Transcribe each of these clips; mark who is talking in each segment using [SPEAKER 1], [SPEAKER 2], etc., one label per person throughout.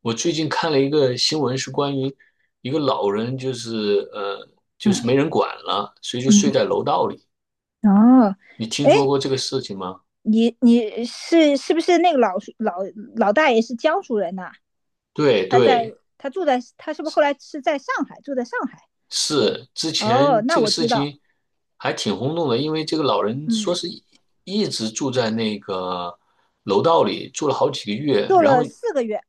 [SPEAKER 1] 我最近看了一个新闻，是关于一个老人，就是就
[SPEAKER 2] 嗯
[SPEAKER 1] 是没人管了，所以就睡
[SPEAKER 2] 嗯，
[SPEAKER 1] 在楼道里。
[SPEAKER 2] 嗯哦，
[SPEAKER 1] 你听
[SPEAKER 2] 哎，
[SPEAKER 1] 说过这个事情吗？
[SPEAKER 2] 你是不是那个老叔老老大爷是江苏人呐？
[SPEAKER 1] 对
[SPEAKER 2] 他在
[SPEAKER 1] 对，
[SPEAKER 2] 他住在他是不是后来是在上海？对，
[SPEAKER 1] 是之
[SPEAKER 2] 哦，
[SPEAKER 1] 前
[SPEAKER 2] 那
[SPEAKER 1] 这个
[SPEAKER 2] 我
[SPEAKER 1] 事
[SPEAKER 2] 知道。
[SPEAKER 1] 情还挺轰动的，因为这个老人说
[SPEAKER 2] 嗯，
[SPEAKER 1] 是一直住在那个楼道里，住了好几个月，
[SPEAKER 2] 做
[SPEAKER 1] 然后
[SPEAKER 2] 了四个月。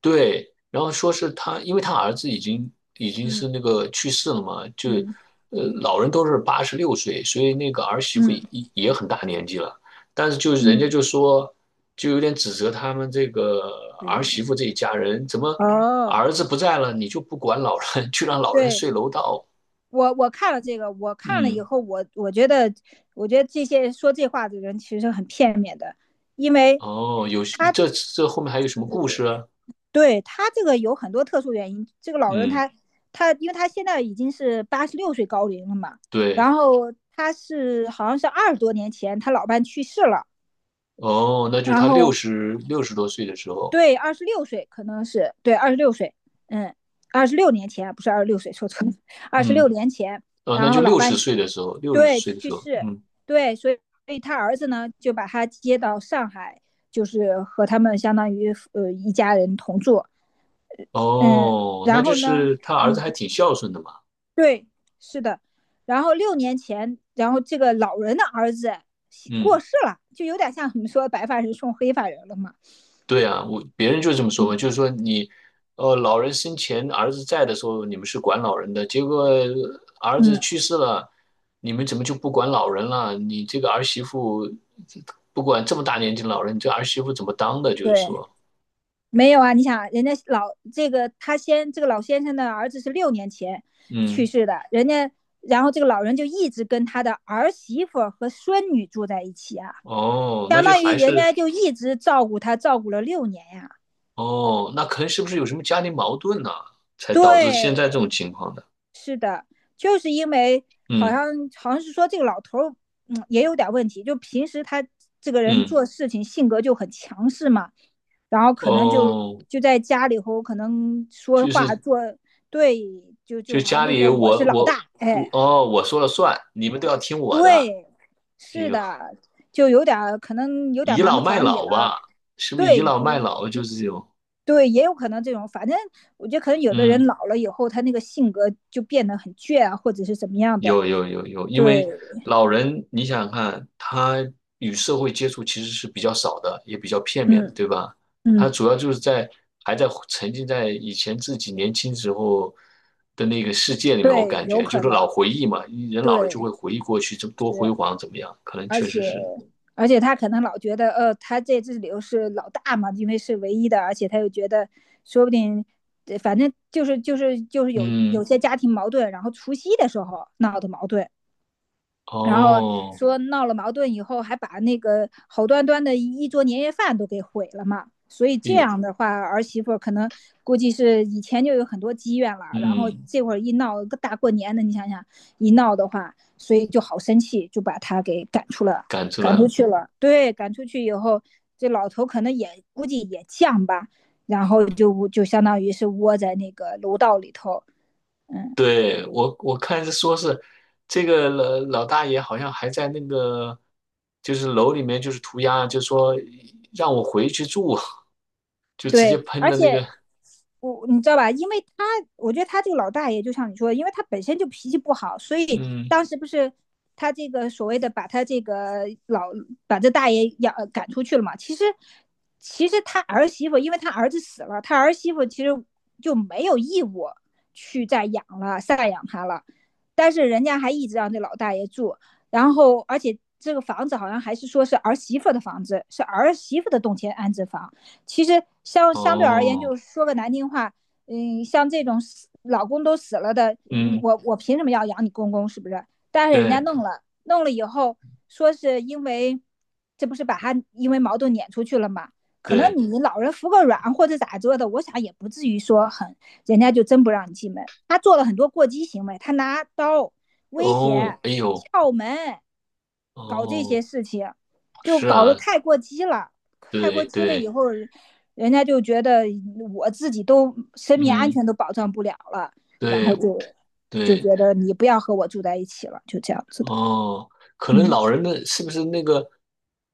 [SPEAKER 1] 对，然后说是他，因为他儿子已经是
[SPEAKER 2] 嗯
[SPEAKER 1] 那个去世了嘛，就
[SPEAKER 2] 嗯
[SPEAKER 1] 呃老人都是八十六岁，所以那个儿媳妇
[SPEAKER 2] 嗯
[SPEAKER 1] 也也很大年纪了，但是就是人家
[SPEAKER 2] 嗯，
[SPEAKER 1] 就说，就有点指责他们这个儿
[SPEAKER 2] 对，
[SPEAKER 1] 媳妇这一家人，怎么
[SPEAKER 2] 哦，
[SPEAKER 1] 儿子不在了，你就不管老人，去让老人
[SPEAKER 2] 对，
[SPEAKER 1] 睡楼道？
[SPEAKER 2] 我看了这个，我看了以
[SPEAKER 1] 嗯，
[SPEAKER 2] 后，我觉得这些说这话的人其实很片面的。因为
[SPEAKER 1] 哦，有
[SPEAKER 2] 他，
[SPEAKER 1] 这后面还有什么故事啊？
[SPEAKER 2] 对，他这个有很多特殊原因。这个老人
[SPEAKER 1] 嗯，
[SPEAKER 2] 他，他，因为他现在已经是86岁高龄了嘛。
[SPEAKER 1] 对，
[SPEAKER 2] 然后好像是20多年前他老伴去世了。
[SPEAKER 1] 哦，那就是
[SPEAKER 2] 然
[SPEAKER 1] 他
[SPEAKER 2] 后，
[SPEAKER 1] 六十多岁的时候，
[SPEAKER 2] 对，二十六岁，可能是，对，二十六岁。嗯，二十六年前，不是二十六岁，说错了，二十六
[SPEAKER 1] 嗯。
[SPEAKER 2] 年前。
[SPEAKER 1] 呃，那
[SPEAKER 2] 然
[SPEAKER 1] 就
[SPEAKER 2] 后老
[SPEAKER 1] 六十
[SPEAKER 2] 伴，
[SPEAKER 1] 岁的时候，六十
[SPEAKER 2] 对，
[SPEAKER 1] 岁的
[SPEAKER 2] 去
[SPEAKER 1] 时候，
[SPEAKER 2] 世。
[SPEAKER 1] 嗯，
[SPEAKER 2] 对，所以他儿子呢就把他接到上海，就是和他们相当于一家人同住。嗯，
[SPEAKER 1] 哦，那
[SPEAKER 2] 然
[SPEAKER 1] 就
[SPEAKER 2] 后呢，
[SPEAKER 1] 是他儿子还
[SPEAKER 2] 嗯。
[SPEAKER 1] 挺孝顺的嘛，
[SPEAKER 2] 对，是的。然后六年前，然后这个老人的儿子过
[SPEAKER 1] 嗯，
[SPEAKER 2] 世了，就有点像你们说白发人送黑发人了嘛。
[SPEAKER 1] 对啊，我别人就这么说
[SPEAKER 2] 嗯
[SPEAKER 1] 嘛，就是说你，呃，老人生前儿子在的时候，你们是管老人的，结果儿子
[SPEAKER 2] 嗯，
[SPEAKER 1] 去世了，你们怎么就不管老人了？你这个儿媳妇不管这么大年纪的老人，你这儿媳妇怎么当的？就是
[SPEAKER 2] 对，
[SPEAKER 1] 说，
[SPEAKER 2] 没有啊。你想，人家老这个他先这个老先生的儿子是六年前去
[SPEAKER 1] 嗯，
[SPEAKER 2] 世的。人家，然后这个老人就一直跟他的儿媳妇和孙女住在一起啊，
[SPEAKER 1] 哦，那
[SPEAKER 2] 相
[SPEAKER 1] 就
[SPEAKER 2] 当于
[SPEAKER 1] 还
[SPEAKER 2] 人家
[SPEAKER 1] 是，
[SPEAKER 2] 就一直照顾他，照顾了六年呀、啊。
[SPEAKER 1] 哦，那可能是不是有什么家庭矛盾呢、才导致现
[SPEAKER 2] 对，
[SPEAKER 1] 在这种情况的？
[SPEAKER 2] 是的。就是因为好像
[SPEAKER 1] 嗯。
[SPEAKER 2] 好像是说这个老头儿，嗯，也有点问题。就平时他这个人
[SPEAKER 1] 嗯，
[SPEAKER 2] 做事情性格就很强势嘛。然后可能就
[SPEAKER 1] 哦，
[SPEAKER 2] 就在家里头可能说
[SPEAKER 1] 就
[SPEAKER 2] 话
[SPEAKER 1] 是
[SPEAKER 2] 对，就
[SPEAKER 1] 就
[SPEAKER 2] 好像
[SPEAKER 1] 家
[SPEAKER 2] 就
[SPEAKER 1] 里
[SPEAKER 2] 说我是
[SPEAKER 1] 我
[SPEAKER 2] 老
[SPEAKER 1] 我
[SPEAKER 2] 大。
[SPEAKER 1] 我
[SPEAKER 2] 哎，
[SPEAKER 1] 哦，我说了算，你们都要听我的。
[SPEAKER 2] 对，
[SPEAKER 1] 哎
[SPEAKER 2] 是
[SPEAKER 1] 呦，
[SPEAKER 2] 的，就有点儿可能有点儿
[SPEAKER 1] 倚
[SPEAKER 2] 蛮
[SPEAKER 1] 老
[SPEAKER 2] 不
[SPEAKER 1] 卖
[SPEAKER 2] 讲理
[SPEAKER 1] 老
[SPEAKER 2] 了。
[SPEAKER 1] 吧，是不是倚
[SPEAKER 2] 对，
[SPEAKER 1] 老
[SPEAKER 2] 有，
[SPEAKER 1] 卖老就是这种？
[SPEAKER 2] 对，也有可能这种。反正我觉得可能有的人
[SPEAKER 1] 嗯
[SPEAKER 2] 老了以后，他那个性格就变得很倔啊，或者是怎么样的。
[SPEAKER 1] 有，因
[SPEAKER 2] 对，
[SPEAKER 1] 为老人，你想想看，他与社会接触其实是比较少的，也比较片面的，
[SPEAKER 2] 嗯
[SPEAKER 1] 对吧？他
[SPEAKER 2] 嗯，
[SPEAKER 1] 主要就是在还在沉浸在以前自己年轻时候的那个世界里面，我
[SPEAKER 2] 对，
[SPEAKER 1] 感
[SPEAKER 2] 有
[SPEAKER 1] 觉就
[SPEAKER 2] 可
[SPEAKER 1] 是老
[SPEAKER 2] 能。
[SPEAKER 1] 回忆嘛，人老了就会
[SPEAKER 2] 对，
[SPEAKER 1] 回忆过去，这多
[SPEAKER 2] 是，
[SPEAKER 1] 辉煌怎么样？可能
[SPEAKER 2] 而
[SPEAKER 1] 确
[SPEAKER 2] 且
[SPEAKER 1] 实是，
[SPEAKER 2] 而且他可能老觉得，他在这里头是老大嘛，因为是唯一的。而且他又觉得，说不定，反正就是有
[SPEAKER 1] 嗯，
[SPEAKER 2] 些家庭矛盾。然后除夕的时候闹的矛盾。然后
[SPEAKER 1] 哦，
[SPEAKER 2] 说闹了矛盾以后，还把那个好端端的一桌年夜饭都给毁了嘛。所以
[SPEAKER 1] 哎
[SPEAKER 2] 这
[SPEAKER 1] 呦，
[SPEAKER 2] 样的话，儿媳妇可能估计是以前就有很多积怨了。然后
[SPEAKER 1] 嗯，
[SPEAKER 2] 这会儿一闹，个大过年的，你想想一闹的话，所以就好生气，就把她给赶出了，
[SPEAKER 1] 感出来
[SPEAKER 2] 赶出
[SPEAKER 1] 了。
[SPEAKER 2] 去了。对，赶出去以后，这老头可能也估计也犟吧，然后就相当于是窝在那个楼道里头。嗯。
[SPEAKER 1] 对，我看是说是这个老老大爷好像还在那个就是楼里面就是涂鸦，就说让我回去住，就直接
[SPEAKER 2] 对，
[SPEAKER 1] 喷
[SPEAKER 2] 而
[SPEAKER 1] 的那个，
[SPEAKER 2] 且我，你知道吧，因为他，我觉得他这个老大爷，就像你说的，因为他本身就脾气不好。所以
[SPEAKER 1] 嗯，
[SPEAKER 2] 当时不是他这个所谓的把他这个老把这大爷养赶出去了嘛？其实，其实他儿媳妇，因为他儿子死了，他儿媳妇其实就没有义务去再养了、赡养他了。但是人家还一直让这老大爷住。然后而且这个房子好像还是说是儿媳妇的房子，是儿媳妇的动迁安置房。其实相对而言，
[SPEAKER 1] 哦，
[SPEAKER 2] 就是说个难听话。嗯，像这种死老公都死了的，你，
[SPEAKER 1] 嗯，
[SPEAKER 2] 我凭什么要养你公公？是不是？但是人家
[SPEAKER 1] 对
[SPEAKER 2] 弄了，弄了以后说是因为，这不是把他因为矛盾撵出去了吗？可能
[SPEAKER 1] 对，
[SPEAKER 2] 你老人服个软或者咋着的，我想也不至于说很，人家就真不让你进门。他做了很多过激行为，他拿刀威胁、
[SPEAKER 1] 哦，哎呦，
[SPEAKER 2] 撬门，搞这些
[SPEAKER 1] 哦，
[SPEAKER 2] 事情，就
[SPEAKER 1] 是
[SPEAKER 2] 搞得
[SPEAKER 1] 啊，
[SPEAKER 2] 太过激了。太过
[SPEAKER 1] 对
[SPEAKER 2] 激了以
[SPEAKER 1] 对，
[SPEAKER 2] 后，人家就觉得我自己都生命安
[SPEAKER 1] 嗯，
[SPEAKER 2] 全都保障不了了，然
[SPEAKER 1] 对
[SPEAKER 2] 后
[SPEAKER 1] 我
[SPEAKER 2] 就
[SPEAKER 1] 对，
[SPEAKER 2] 觉得你不要和我住在一起了，就这样子的。
[SPEAKER 1] 哦，可能
[SPEAKER 2] 嗯，
[SPEAKER 1] 老人的是不是那个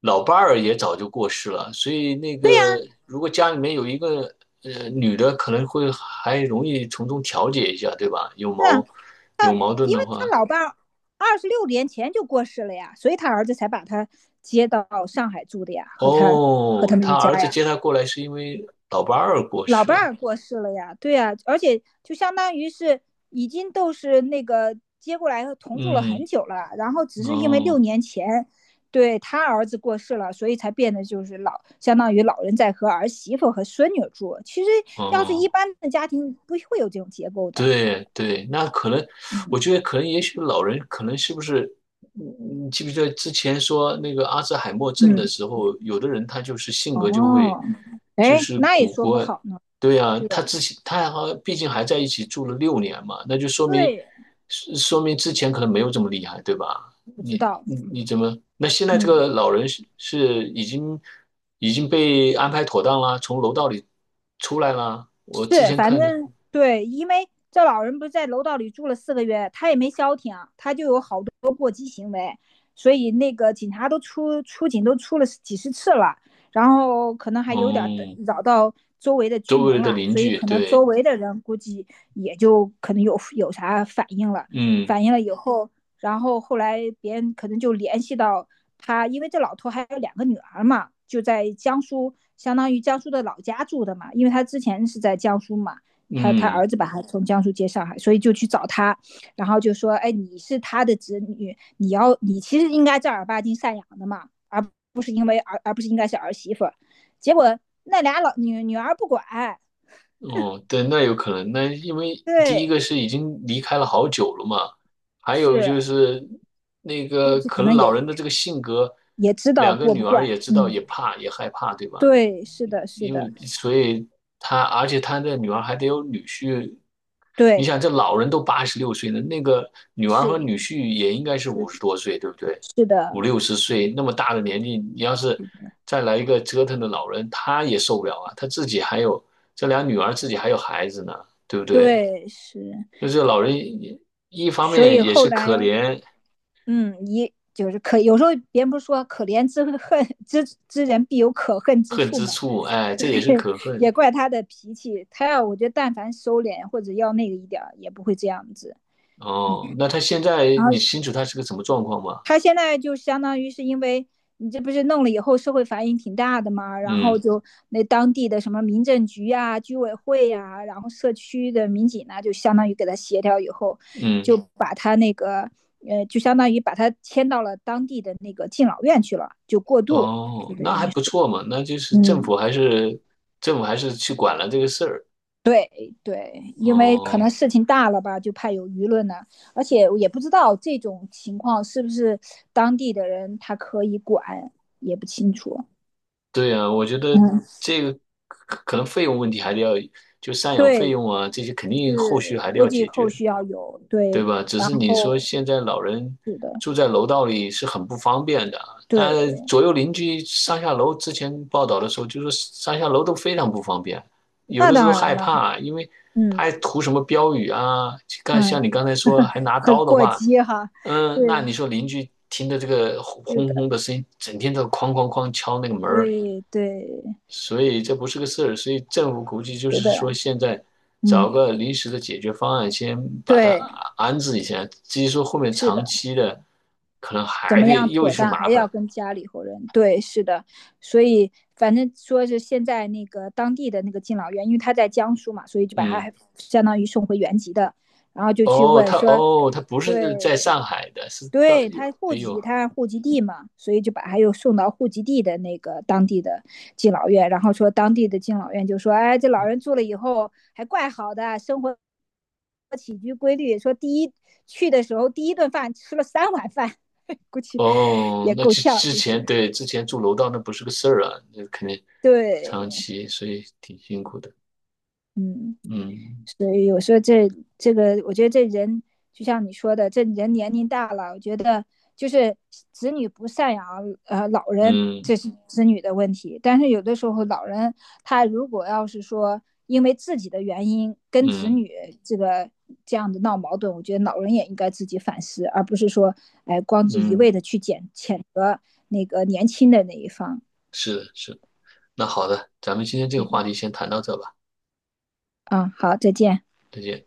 [SPEAKER 1] 老伴儿也早就过世了，所以那个
[SPEAKER 2] 啊，
[SPEAKER 1] 如果家里面有一个女的，可能会还容易从中调解一下，对吧？
[SPEAKER 2] 是啊，
[SPEAKER 1] 有矛盾
[SPEAKER 2] 因为
[SPEAKER 1] 的
[SPEAKER 2] 他
[SPEAKER 1] 话，
[SPEAKER 2] 老伴二十六年前就过世了呀。所以他儿子才把他接到上海住的呀，和他和他
[SPEAKER 1] 哦，
[SPEAKER 2] 们
[SPEAKER 1] 他
[SPEAKER 2] 一家
[SPEAKER 1] 儿子
[SPEAKER 2] 呀。
[SPEAKER 1] 接他过来是因为老伴儿过
[SPEAKER 2] 老
[SPEAKER 1] 世
[SPEAKER 2] 伴
[SPEAKER 1] 了，
[SPEAKER 2] 儿过世了呀。对呀、啊，而且就相当于是已经都是那个接过来同住了很
[SPEAKER 1] 嗯，
[SPEAKER 2] 久了。然后只是因为六
[SPEAKER 1] 哦
[SPEAKER 2] 年前，对，他儿子过世了，所以才变得就是老，相当于老人在和儿媳妇和孙女住。其实
[SPEAKER 1] 哦。
[SPEAKER 2] 要是一
[SPEAKER 1] 哦
[SPEAKER 2] 般的家庭不会有这种结构的。
[SPEAKER 1] 对对，那可能，
[SPEAKER 2] 嗯
[SPEAKER 1] 我觉得可能，也许老人可能是不是，嗯，你记不记得之前说那个阿兹海默症的
[SPEAKER 2] 嗯，
[SPEAKER 1] 时候，有的人他就是性格就会，
[SPEAKER 2] 哦，
[SPEAKER 1] 就
[SPEAKER 2] 哎，
[SPEAKER 1] 是
[SPEAKER 2] 那也
[SPEAKER 1] 古
[SPEAKER 2] 说不
[SPEAKER 1] 怪，
[SPEAKER 2] 好呢。
[SPEAKER 1] 对呀、
[SPEAKER 2] 对
[SPEAKER 1] 他之前他还好毕竟还在一起住了六年嘛，那就说明，
[SPEAKER 2] 对，
[SPEAKER 1] 是说明之前可能没有这么厉害，对吧？
[SPEAKER 2] 不知
[SPEAKER 1] 你
[SPEAKER 2] 道，
[SPEAKER 1] 你你怎么？那现在这
[SPEAKER 2] 嗯。
[SPEAKER 1] 个老人是已经已经被安排妥当啦，从楼道里出来啦，我之
[SPEAKER 2] 是，
[SPEAKER 1] 前
[SPEAKER 2] 反
[SPEAKER 1] 看的，
[SPEAKER 2] 正对，因为这老人不是在楼道里住了四个月，他也没消停，他就有好多过激行为，所以那个警察都出警都出了几十次了。然后可能还有点
[SPEAKER 1] 哦、
[SPEAKER 2] 扰到周围的居
[SPEAKER 1] 周
[SPEAKER 2] 民
[SPEAKER 1] 围的
[SPEAKER 2] 了，
[SPEAKER 1] 邻
[SPEAKER 2] 所以
[SPEAKER 1] 居，
[SPEAKER 2] 可能
[SPEAKER 1] 对，
[SPEAKER 2] 周围的人估计也就可能有啥反应了。
[SPEAKER 1] 嗯
[SPEAKER 2] 反应了以后，然后后来别人可能就联系到他，因为这老头还有两个女儿嘛，就在江苏，相当于江苏的老家住的嘛。因为他之前是在江苏嘛，他
[SPEAKER 1] 嗯，
[SPEAKER 2] 儿子把他从江苏接上海，所以就去找他。然后就说，哎，你是他的子女，你要，你其实应该正儿八经赡养的嘛，而不是因为儿，而不是应该是儿媳妇。结果那俩老女儿不管。
[SPEAKER 1] 哦，对，那有可能，那因为第一
[SPEAKER 2] 对，
[SPEAKER 1] 个是已经离开了好久了嘛，还
[SPEAKER 2] 是
[SPEAKER 1] 有就是那
[SPEAKER 2] 估
[SPEAKER 1] 个
[SPEAKER 2] 计可
[SPEAKER 1] 可能
[SPEAKER 2] 能也
[SPEAKER 1] 老人的这个性格，
[SPEAKER 2] 也知道
[SPEAKER 1] 两个
[SPEAKER 2] 过不
[SPEAKER 1] 女儿
[SPEAKER 2] 惯。
[SPEAKER 1] 也知道，
[SPEAKER 2] 嗯，
[SPEAKER 1] 也怕，也害怕，对吧？
[SPEAKER 2] 对，是的，是
[SPEAKER 1] 因
[SPEAKER 2] 的。
[SPEAKER 1] 为所以他，而且他的女儿还得有女婿。你
[SPEAKER 2] 对，
[SPEAKER 1] 想，这老人都八十六岁了，那个女儿和
[SPEAKER 2] 是。
[SPEAKER 1] 女婿也应该是五十多岁，对不对？
[SPEAKER 2] 是的，
[SPEAKER 1] 五六十岁那么大的年纪，你要是再来一个折腾的老人，他也受不了啊。他自己还有这俩女儿，自己还有孩子呢，对不对？
[SPEAKER 2] 对，是，
[SPEAKER 1] 就是老人也一方
[SPEAKER 2] 所以
[SPEAKER 1] 面也
[SPEAKER 2] 后
[SPEAKER 1] 是可
[SPEAKER 2] 来，
[SPEAKER 1] 怜
[SPEAKER 2] 嗯，一就是可，有时候别人不是说，可怜之恨之之人必有可恨之
[SPEAKER 1] 恨
[SPEAKER 2] 处
[SPEAKER 1] 之
[SPEAKER 2] 嘛，
[SPEAKER 1] 处，哎，这也是 可
[SPEAKER 2] 也
[SPEAKER 1] 恨
[SPEAKER 2] 怪他的脾气。他要，我觉得但凡收敛或者要那个一点儿，也不会这样子。嗯，
[SPEAKER 1] 哦。那他现在
[SPEAKER 2] 然
[SPEAKER 1] 你
[SPEAKER 2] 后
[SPEAKER 1] 清楚他是个什么状况吗？
[SPEAKER 2] 他现在就相当于是因为你这不是弄了以后社会反应挺大的嘛，然后
[SPEAKER 1] 嗯
[SPEAKER 2] 就那当地的什么民政局啊、居委会呀、然后社区的民警呢，就相当于给他协调以后，就
[SPEAKER 1] 嗯。
[SPEAKER 2] 把他那个就相当于把他迁到了当地的那个敬老院去了，就过渡，就
[SPEAKER 1] 哦，
[SPEAKER 2] 等。
[SPEAKER 1] 那还不错嘛，那就是
[SPEAKER 2] 嗯。
[SPEAKER 1] 政府还是去管了这个事儿。
[SPEAKER 2] 对对，因为可能
[SPEAKER 1] 哦，
[SPEAKER 2] 事情大了吧，就怕有舆论呢、而且我也不知道这种情况是不是当地的人他可以管，也不清楚。
[SPEAKER 1] 对呀，我觉得
[SPEAKER 2] 嗯，
[SPEAKER 1] 这个可能费用问题还得要，就赡养费
[SPEAKER 2] 对，
[SPEAKER 1] 用啊这些肯定后续
[SPEAKER 2] 是
[SPEAKER 1] 还得
[SPEAKER 2] 估
[SPEAKER 1] 要
[SPEAKER 2] 计
[SPEAKER 1] 解
[SPEAKER 2] 后
[SPEAKER 1] 决，
[SPEAKER 2] 续要有，
[SPEAKER 1] 对
[SPEAKER 2] 对，
[SPEAKER 1] 吧？只
[SPEAKER 2] 然
[SPEAKER 1] 是你说
[SPEAKER 2] 后
[SPEAKER 1] 现在老人
[SPEAKER 2] 是的，
[SPEAKER 1] 住在楼道里是很不方便的，那
[SPEAKER 2] 对，
[SPEAKER 1] 左右邻居上下楼，之前报道的时候就说上下楼都非常不方便，有
[SPEAKER 2] 那
[SPEAKER 1] 的时候
[SPEAKER 2] 当然
[SPEAKER 1] 害
[SPEAKER 2] 了。
[SPEAKER 1] 怕，因为他
[SPEAKER 2] 嗯
[SPEAKER 1] 还涂什么标语啊，像
[SPEAKER 2] 嗯，
[SPEAKER 1] 像你刚才说还拿
[SPEAKER 2] 很
[SPEAKER 1] 刀的
[SPEAKER 2] 过
[SPEAKER 1] 话。
[SPEAKER 2] 激哈，对，
[SPEAKER 1] 嗯，那你说邻居听着这个轰
[SPEAKER 2] 是
[SPEAKER 1] 轰
[SPEAKER 2] 的，
[SPEAKER 1] 轰的声音，整天都哐哐哐敲那个门儿，
[SPEAKER 2] 对对，
[SPEAKER 1] 所以这不是个事儿。所以政府估计就
[SPEAKER 2] 是
[SPEAKER 1] 是
[SPEAKER 2] 的，
[SPEAKER 1] 说，现在找
[SPEAKER 2] 嗯，
[SPEAKER 1] 个临时的解决方案，先把它
[SPEAKER 2] 对，
[SPEAKER 1] 安置一下。至于说后面
[SPEAKER 2] 是的，
[SPEAKER 1] 长期的，可能
[SPEAKER 2] 怎
[SPEAKER 1] 还
[SPEAKER 2] 么
[SPEAKER 1] 得
[SPEAKER 2] 样
[SPEAKER 1] 又
[SPEAKER 2] 妥
[SPEAKER 1] 是
[SPEAKER 2] 当，还
[SPEAKER 1] 麻
[SPEAKER 2] 要
[SPEAKER 1] 烦。
[SPEAKER 2] 跟家里头人，对，是的。所以反正说是现在那个当地的那个敬老院，因为他在江苏嘛，所以就把他还
[SPEAKER 1] 嗯，
[SPEAKER 2] 相当于送回原籍的，然后就去
[SPEAKER 1] 哦，
[SPEAKER 2] 问说，
[SPEAKER 1] 他不是在
[SPEAKER 2] 对，
[SPEAKER 1] 上海的，是到
[SPEAKER 2] 对
[SPEAKER 1] 有
[SPEAKER 2] 他户
[SPEAKER 1] 哎呦，
[SPEAKER 2] 籍，他户籍地嘛，所以就把他又送到户籍地的那个当地的敬老院。然后说当地的敬老院就说，哎，这老人住了以后还怪好的，生活起居规律。说第一去的时候第一顿饭吃了三碗饭。估计
[SPEAKER 1] 哦，
[SPEAKER 2] 也
[SPEAKER 1] 那
[SPEAKER 2] 够
[SPEAKER 1] 之
[SPEAKER 2] 呛，
[SPEAKER 1] 之
[SPEAKER 2] 就是
[SPEAKER 1] 前对之前住楼道那不是个事儿啊，那肯定长
[SPEAKER 2] 对，
[SPEAKER 1] 期，所以挺辛苦的。
[SPEAKER 2] 嗯。
[SPEAKER 1] 嗯
[SPEAKER 2] 所以有时候这个，我觉得这人就像你说的，这人年龄大了，我觉得就是子女不赡养老人，这
[SPEAKER 1] 嗯
[SPEAKER 2] 是子女的问题。但是有的时候老人他如果要是说因为自己的原因跟子
[SPEAKER 1] 嗯
[SPEAKER 2] 女这个这样的闹矛盾，我觉得老人也应该自己反思，而不是说，哎，光
[SPEAKER 1] 嗯，
[SPEAKER 2] 是一
[SPEAKER 1] 嗯
[SPEAKER 2] 味的去谴责那个年轻的那一方
[SPEAKER 1] 是的，是的那好的，咱们今天这个话题先谈到这吧，
[SPEAKER 2] 啊、嗯。好，再见。
[SPEAKER 1] 再见。